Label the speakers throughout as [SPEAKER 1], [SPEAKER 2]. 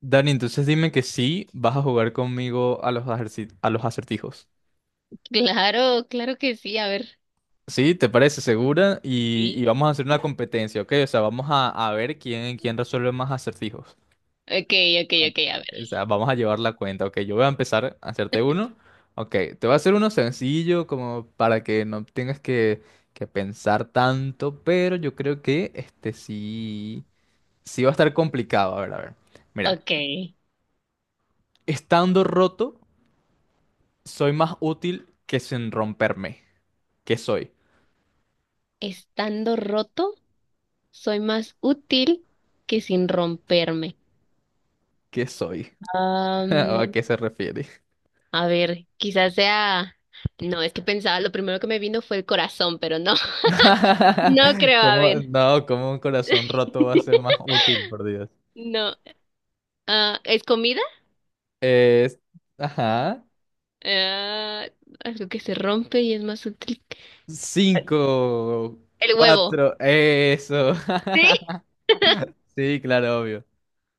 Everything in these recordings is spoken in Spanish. [SPEAKER 1] Dani, entonces dime que sí vas a jugar conmigo a los a los acertijos.
[SPEAKER 2] Claro, claro que sí, a ver.
[SPEAKER 1] ¿Sí? ¿Te parece segura? Y,
[SPEAKER 2] Sí.
[SPEAKER 1] y vamos a hacer una competencia, ¿ok? O sea, vamos a ver quién resuelve más acertijos.
[SPEAKER 2] Ok, ok,
[SPEAKER 1] Ok,
[SPEAKER 2] ok, a
[SPEAKER 1] ok,
[SPEAKER 2] ver.
[SPEAKER 1] o sea, vamos a llevar la cuenta, ¿ok? Yo voy a empezar a hacerte uno. Ok, te voy a hacer uno sencillo como para que no tengas que pensar tanto, pero yo creo que este sí va a estar complicado. A ver, a ver. Mira,
[SPEAKER 2] Ok.
[SPEAKER 1] estando roto, soy más útil que sin romperme. ¿Qué soy?
[SPEAKER 2] Estando roto, soy más útil que sin romperme.
[SPEAKER 1] ¿Qué soy? ¿O ¿A
[SPEAKER 2] Am,
[SPEAKER 1] qué se refiere?
[SPEAKER 2] a ver, quizás sea. No, es que pensaba, lo primero que me vino fue el corazón, pero no. No creo, a
[SPEAKER 1] ¿Cómo?
[SPEAKER 2] ver.
[SPEAKER 1] No, ¿cómo un corazón roto va a ser más útil, por Dios?
[SPEAKER 2] No. Ah, ¿es comida?
[SPEAKER 1] Es... Ajá.
[SPEAKER 2] Ah, algo que se rompe y es más útil.
[SPEAKER 1] Cinco,
[SPEAKER 2] El huevo.
[SPEAKER 1] cuatro, eso.
[SPEAKER 2] Sí.
[SPEAKER 1] Sí, claro, obvio.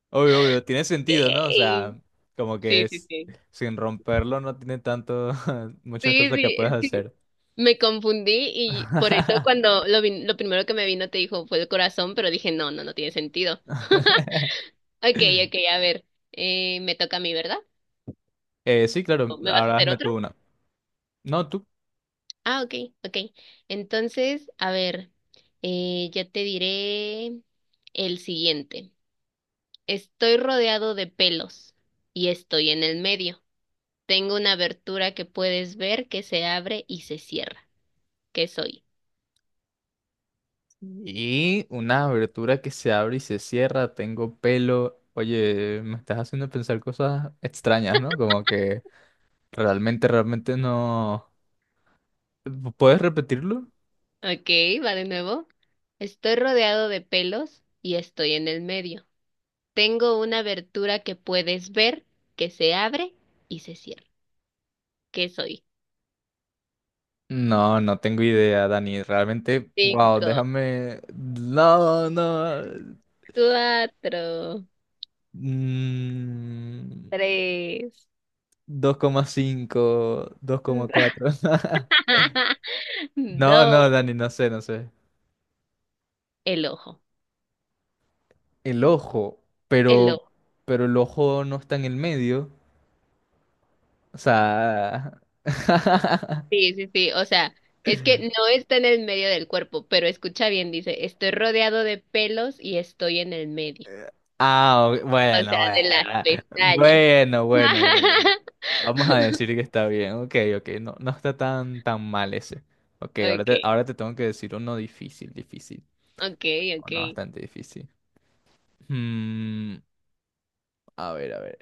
[SPEAKER 1] Obvio, obvio. Tiene sentido, ¿no? O
[SPEAKER 2] Yay.
[SPEAKER 1] sea, como que
[SPEAKER 2] Sí, sí,
[SPEAKER 1] es,
[SPEAKER 2] sí.
[SPEAKER 1] sin romperlo no tiene tanto, muchas
[SPEAKER 2] Sí,
[SPEAKER 1] cosas que puedes
[SPEAKER 2] sí,
[SPEAKER 1] hacer.
[SPEAKER 2] me confundí y por eso cuando lo primero que me vino te dijo fue el corazón, pero dije, no, no, no tiene sentido. Ok, ok, a ver, me toca a mí, ¿verdad?
[SPEAKER 1] Sí,
[SPEAKER 2] ¿O
[SPEAKER 1] claro.
[SPEAKER 2] me vas a
[SPEAKER 1] Ahora
[SPEAKER 2] hacer
[SPEAKER 1] hazme
[SPEAKER 2] otro?
[SPEAKER 1] tú una. No, tú.
[SPEAKER 2] Ah, ok, ok. Entonces, a ver, ya te diré el siguiente. Estoy rodeado de pelos y estoy en el medio. Tengo una abertura que puedes ver que se abre y se cierra. ¿Qué soy?
[SPEAKER 1] Y una abertura que se abre y se cierra, tengo pelo. Oye, me estás haciendo pensar cosas extrañas, ¿no? Como que realmente no... ¿Puedes repetirlo?
[SPEAKER 2] Ok, va de nuevo. Estoy rodeado de pelos y estoy en el medio. Tengo una abertura que puedes ver, que se abre y se cierra. ¿Qué soy?
[SPEAKER 1] No, no tengo idea, Dani. Realmente, wow,
[SPEAKER 2] Cinco,
[SPEAKER 1] déjame... No, no.
[SPEAKER 2] cuatro,
[SPEAKER 1] Mm,
[SPEAKER 2] tres,
[SPEAKER 1] 2,5, dos coma cuatro. No, no,
[SPEAKER 2] dos.
[SPEAKER 1] Dani, no sé, no sé.
[SPEAKER 2] El ojo,
[SPEAKER 1] El ojo,
[SPEAKER 2] el
[SPEAKER 1] pero,
[SPEAKER 2] ojo.
[SPEAKER 1] pero el ojo no está en el medio. O sea.
[SPEAKER 2] Sí, sí, sí. O sea, es que no está en el medio del cuerpo, pero escucha bien, dice, estoy rodeado de pelos y estoy en el medio.
[SPEAKER 1] Ah, ok,
[SPEAKER 2] O
[SPEAKER 1] bueno,
[SPEAKER 2] sea, de las
[SPEAKER 1] bueno.
[SPEAKER 2] pestañas.
[SPEAKER 1] Bueno, bueno, bueno. Vamos a decir que está bien. Ok, ok. No, no está tan, tan mal ese. Ok, ahora
[SPEAKER 2] Ok.
[SPEAKER 1] te, ahora te tengo que decir uno difícil, difícil.
[SPEAKER 2] Okay,
[SPEAKER 1] O no,
[SPEAKER 2] okay.
[SPEAKER 1] bastante difícil. Mm, a ver, a ver.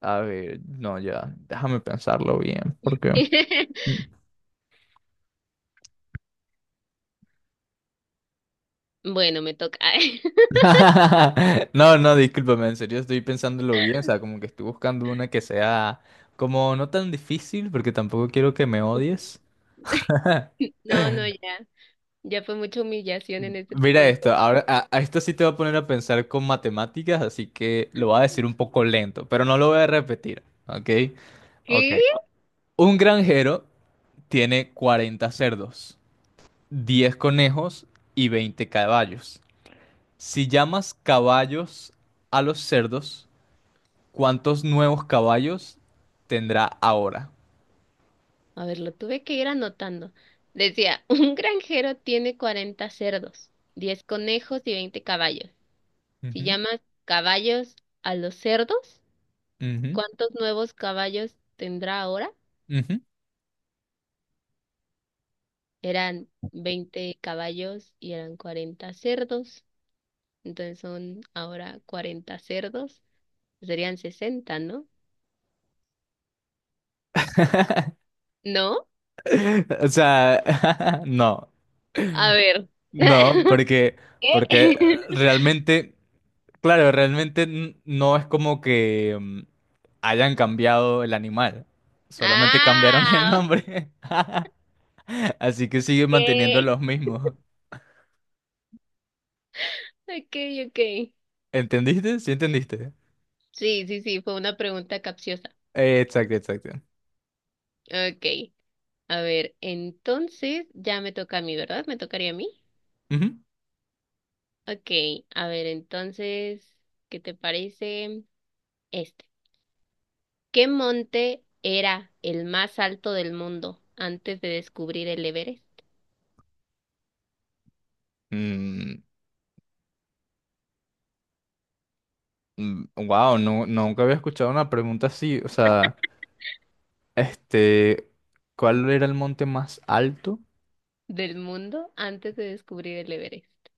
[SPEAKER 1] A ver. No, ya. Déjame pensarlo bien. Porque.
[SPEAKER 2] Bueno, me toca. Ay.
[SPEAKER 1] No, no, discúlpame, en serio estoy pensándolo bien, o sea, como que estoy buscando una que sea como no tan difícil, porque tampoco quiero que me odies.
[SPEAKER 2] No, no, ya. Ya fue mucha humillación
[SPEAKER 1] M-
[SPEAKER 2] en este tipo
[SPEAKER 1] Mira
[SPEAKER 2] de
[SPEAKER 1] esto,
[SPEAKER 2] juego.
[SPEAKER 1] ahora a esto sí te va a poner a pensar con matemáticas, así que lo voy a decir un poco lento, pero no lo voy a repetir, ¿ok? Ok.
[SPEAKER 2] ¿Qué?
[SPEAKER 1] Un granjero tiene 40 cerdos, 10 conejos y 20 caballos. Si llamas caballos a los cerdos, ¿cuántos nuevos caballos tendrá ahora?
[SPEAKER 2] A ver, lo tuve que ir anotando. Decía, un granjero tiene 40 cerdos, 10 conejos y 20 caballos. Si
[SPEAKER 1] Ujú,
[SPEAKER 2] llamas caballos a los cerdos,
[SPEAKER 1] ujú,
[SPEAKER 2] ¿cuántos nuevos caballos tendrá ahora?
[SPEAKER 1] ujú.
[SPEAKER 2] Eran 20 caballos y eran 40 cerdos. Entonces son ahora 40 cerdos. Serían 60, ¿no? ¿No?
[SPEAKER 1] O sea, no,
[SPEAKER 2] A ver.
[SPEAKER 1] no, porque,
[SPEAKER 2] ¿Qué?
[SPEAKER 1] porque realmente, claro, realmente no es como que hayan cambiado el animal, solamente cambiaron el
[SPEAKER 2] Ah,
[SPEAKER 1] nombre, así que siguen manteniendo
[SPEAKER 2] ok.
[SPEAKER 1] los mismos.
[SPEAKER 2] Ok, ok.
[SPEAKER 1] ¿Entendiste? ¿Sí entendiste?
[SPEAKER 2] Sí, sí, sí, fue una pregunta capciosa.
[SPEAKER 1] Exacto, exacto.
[SPEAKER 2] Ok. A ver, entonces ya me toca a mí, ¿verdad? ¿Me tocaría a mí?
[SPEAKER 1] Ujú.
[SPEAKER 2] Ok. A ver, entonces, ¿qué te parece este? ¿Qué monte era el más alto del mundo antes de descubrir el Everest?
[SPEAKER 1] Mm, wow, no, nunca había escuchado una pregunta así, o sea... Este, ¿cuál era el monte más alto?
[SPEAKER 2] ¿Del mundo antes de descubrir el Everest?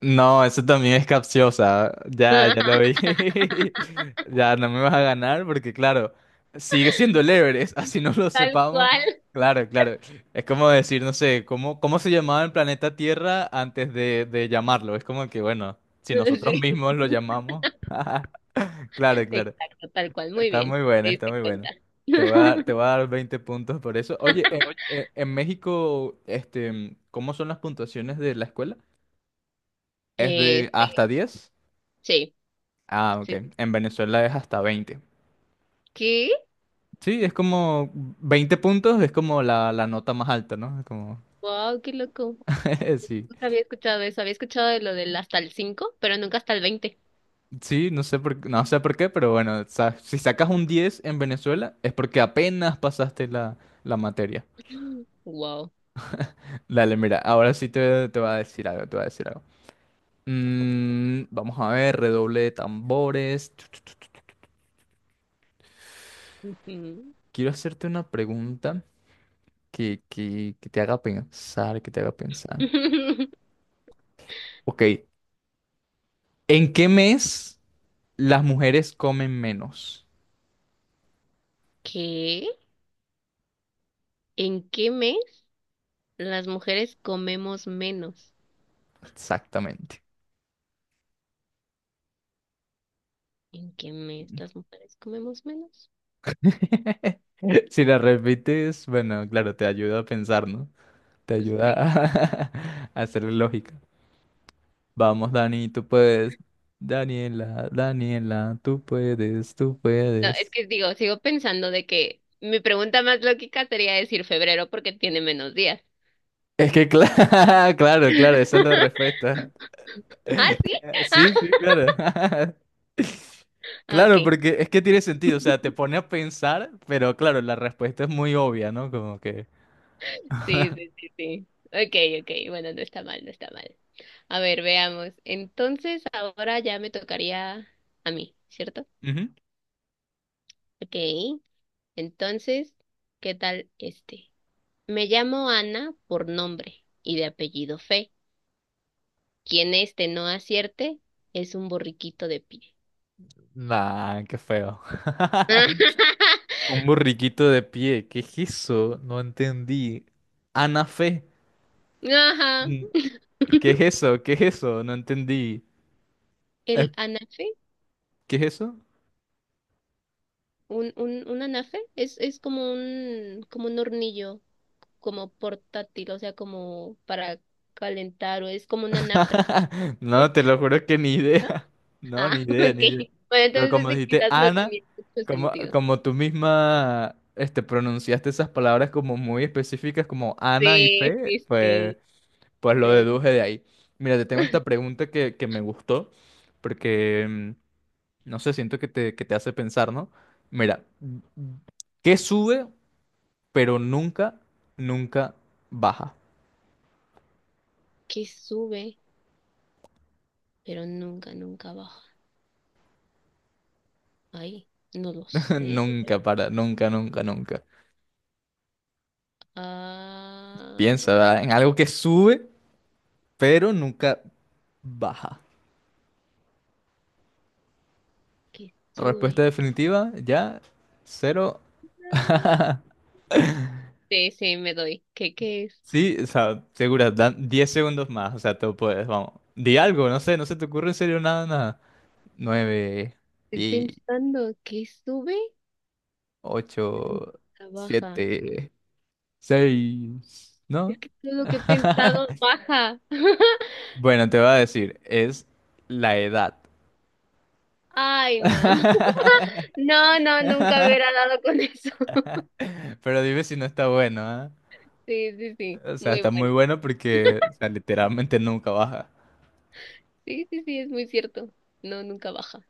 [SPEAKER 1] No, eso también es capciosa. Ya, ya lo vi. Ya no me vas a ganar porque, claro, sigue siendo el Everest, así no lo
[SPEAKER 2] Tal
[SPEAKER 1] sepamos.
[SPEAKER 2] cual.
[SPEAKER 1] Claro, claro. Es como decir, no sé, ¿cómo se llamaba el planeta Tierra antes de llamarlo? Es como que, bueno, si nosotros
[SPEAKER 2] Sí.
[SPEAKER 1] mismos lo llamamos. Claro, claro.
[SPEAKER 2] Exacto, tal cual. Muy
[SPEAKER 1] Está muy
[SPEAKER 2] bien. Te
[SPEAKER 1] buena, está
[SPEAKER 2] diste
[SPEAKER 1] muy
[SPEAKER 2] cuenta.
[SPEAKER 1] buena. Te voy a dar,
[SPEAKER 2] Oye,
[SPEAKER 1] te voy a dar 20 puntos por eso. Oye, en México, este, ¿cómo son las puntuaciones de la escuela? ¿Es de
[SPEAKER 2] este,
[SPEAKER 1] hasta 10?
[SPEAKER 2] sí,
[SPEAKER 1] Ah, ok.
[SPEAKER 2] sí. Sí.
[SPEAKER 1] En Venezuela es hasta 20.
[SPEAKER 2] ¿Qué?
[SPEAKER 1] Sí, es como 20 puntos, es como la nota más alta, ¿no? Es como,
[SPEAKER 2] Wow, qué loco.
[SPEAKER 1] sí.
[SPEAKER 2] Nunca había escuchado eso. Había escuchado de lo del hasta el 5 pero nunca hasta el 20.
[SPEAKER 1] Sí, no sé por qué, pero bueno, si sacas un 10 en Venezuela es porque apenas pasaste la materia.
[SPEAKER 2] Wow.
[SPEAKER 1] Dale, mira, ahora sí te voy a decir algo, te voy a decir algo. Vamos a ver, redoble de tambores. Tu, tu, tu. Quiero hacerte una pregunta que te haga pensar, que te haga pensar. Ok, ¿en qué mes las mujeres comen menos?
[SPEAKER 2] ¿Qué? ¿En qué mes las mujeres comemos menos?
[SPEAKER 1] Exactamente.
[SPEAKER 2] ¿En qué mes las mujeres comemos menos?
[SPEAKER 1] Si la repites, bueno, claro, te ayuda a pensar, ¿no? Te ayuda
[SPEAKER 2] Sí.
[SPEAKER 1] a, a hacerle lógica. Vamos, Dani, tú puedes. Daniela, Daniela, tú puedes, tú
[SPEAKER 2] No, es
[SPEAKER 1] puedes.
[SPEAKER 2] que digo, sigo pensando de que mi pregunta más lógica sería decir febrero porque tiene menos días.
[SPEAKER 1] Es que claro, claro, claro, esa es la respuesta.
[SPEAKER 2] ¿Ah, sí?
[SPEAKER 1] Sí, sí, claro.
[SPEAKER 2] Ah,
[SPEAKER 1] Claro,
[SPEAKER 2] ok.
[SPEAKER 1] porque es que tiene sentido, o sea, te pone a pensar, pero claro, la respuesta es muy obvia, ¿no? Como que...
[SPEAKER 2] Sí, sí, sí, sí. Ok, ok. Bueno, no está mal, no está mal. A ver, veamos. Entonces, ahora ya me tocaría a mí, ¿cierto?
[SPEAKER 1] Ujú.
[SPEAKER 2] Ok. Entonces, ¿qué tal este? Me llamo Ana por nombre y de apellido Fe. Quien este no acierte es un borriquito de pie.
[SPEAKER 1] Nah, qué feo. Un burriquito de pie, ¿qué es eso? No entendí. Ana Fe,
[SPEAKER 2] Ajá.
[SPEAKER 1] mm, ¿qué es eso? ¿Qué es eso? No entendí. Eh,
[SPEAKER 2] El anafe,
[SPEAKER 1] ¿Qué es eso?
[SPEAKER 2] un anafe es como un, hornillo. Como portátil, o sea, como para calentar, o es como una anafre,
[SPEAKER 1] No, te lo juro que ni
[SPEAKER 2] ¿no?
[SPEAKER 1] idea. No,
[SPEAKER 2] Ah,
[SPEAKER 1] ni idea, ni idea.
[SPEAKER 2] ok. Bueno,
[SPEAKER 1] Pero
[SPEAKER 2] entonces
[SPEAKER 1] como
[SPEAKER 2] ese
[SPEAKER 1] dijiste
[SPEAKER 2] quizás no
[SPEAKER 1] Ana,
[SPEAKER 2] tenía mucho
[SPEAKER 1] como,
[SPEAKER 2] sentido.
[SPEAKER 1] como tú misma este, pronunciaste esas palabras como muy específicas, como Ana y
[SPEAKER 2] Sí,
[SPEAKER 1] Fe,
[SPEAKER 2] sí,
[SPEAKER 1] pues,
[SPEAKER 2] sí.
[SPEAKER 1] pues lo
[SPEAKER 2] Pero
[SPEAKER 1] deduje de ahí. Mira, te tengo esta pregunta que me gustó, porque, no sé, siento que te hace pensar, ¿no? Mira, ¿qué sube, pero nunca, nunca baja?
[SPEAKER 2] que sube, pero nunca, nunca baja. Ay, no lo sé.
[SPEAKER 1] Nunca para, nunca, nunca, nunca. Piensa,
[SPEAKER 2] Ah,
[SPEAKER 1] ¿verdad? En algo que sube, pero nunca baja.
[SPEAKER 2] que
[SPEAKER 1] Respuesta
[SPEAKER 2] sube.
[SPEAKER 1] definitiva, ya, cero.
[SPEAKER 2] Ah, sí, sí, me doy. ¿Qué es?
[SPEAKER 1] Sí, o sea, segura, dan 10 segundos más, o sea, tú puedes, vamos. Di algo, no sé, no se te ocurre en serio nada, nada. 9,
[SPEAKER 2] Estoy
[SPEAKER 1] 10,
[SPEAKER 2] pensando que sube, pero
[SPEAKER 1] 8,
[SPEAKER 2] nunca baja.
[SPEAKER 1] 7, 6, ¿no?
[SPEAKER 2] Es que todo lo que he pensado baja.
[SPEAKER 1] Bueno, te voy a decir, es la edad.
[SPEAKER 2] Ay, no. No, no, nunca me hubiera dado con eso.
[SPEAKER 1] Pero dime si no está bueno, ¿ah?
[SPEAKER 2] Sí, sí, sí,
[SPEAKER 1] O sea,
[SPEAKER 2] muy
[SPEAKER 1] está muy
[SPEAKER 2] bueno.
[SPEAKER 1] bueno porque, o sea, literalmente nunca baja.
[SPEAKER 2] Sí, sí, sí, es muy cierto. No, nunca baja.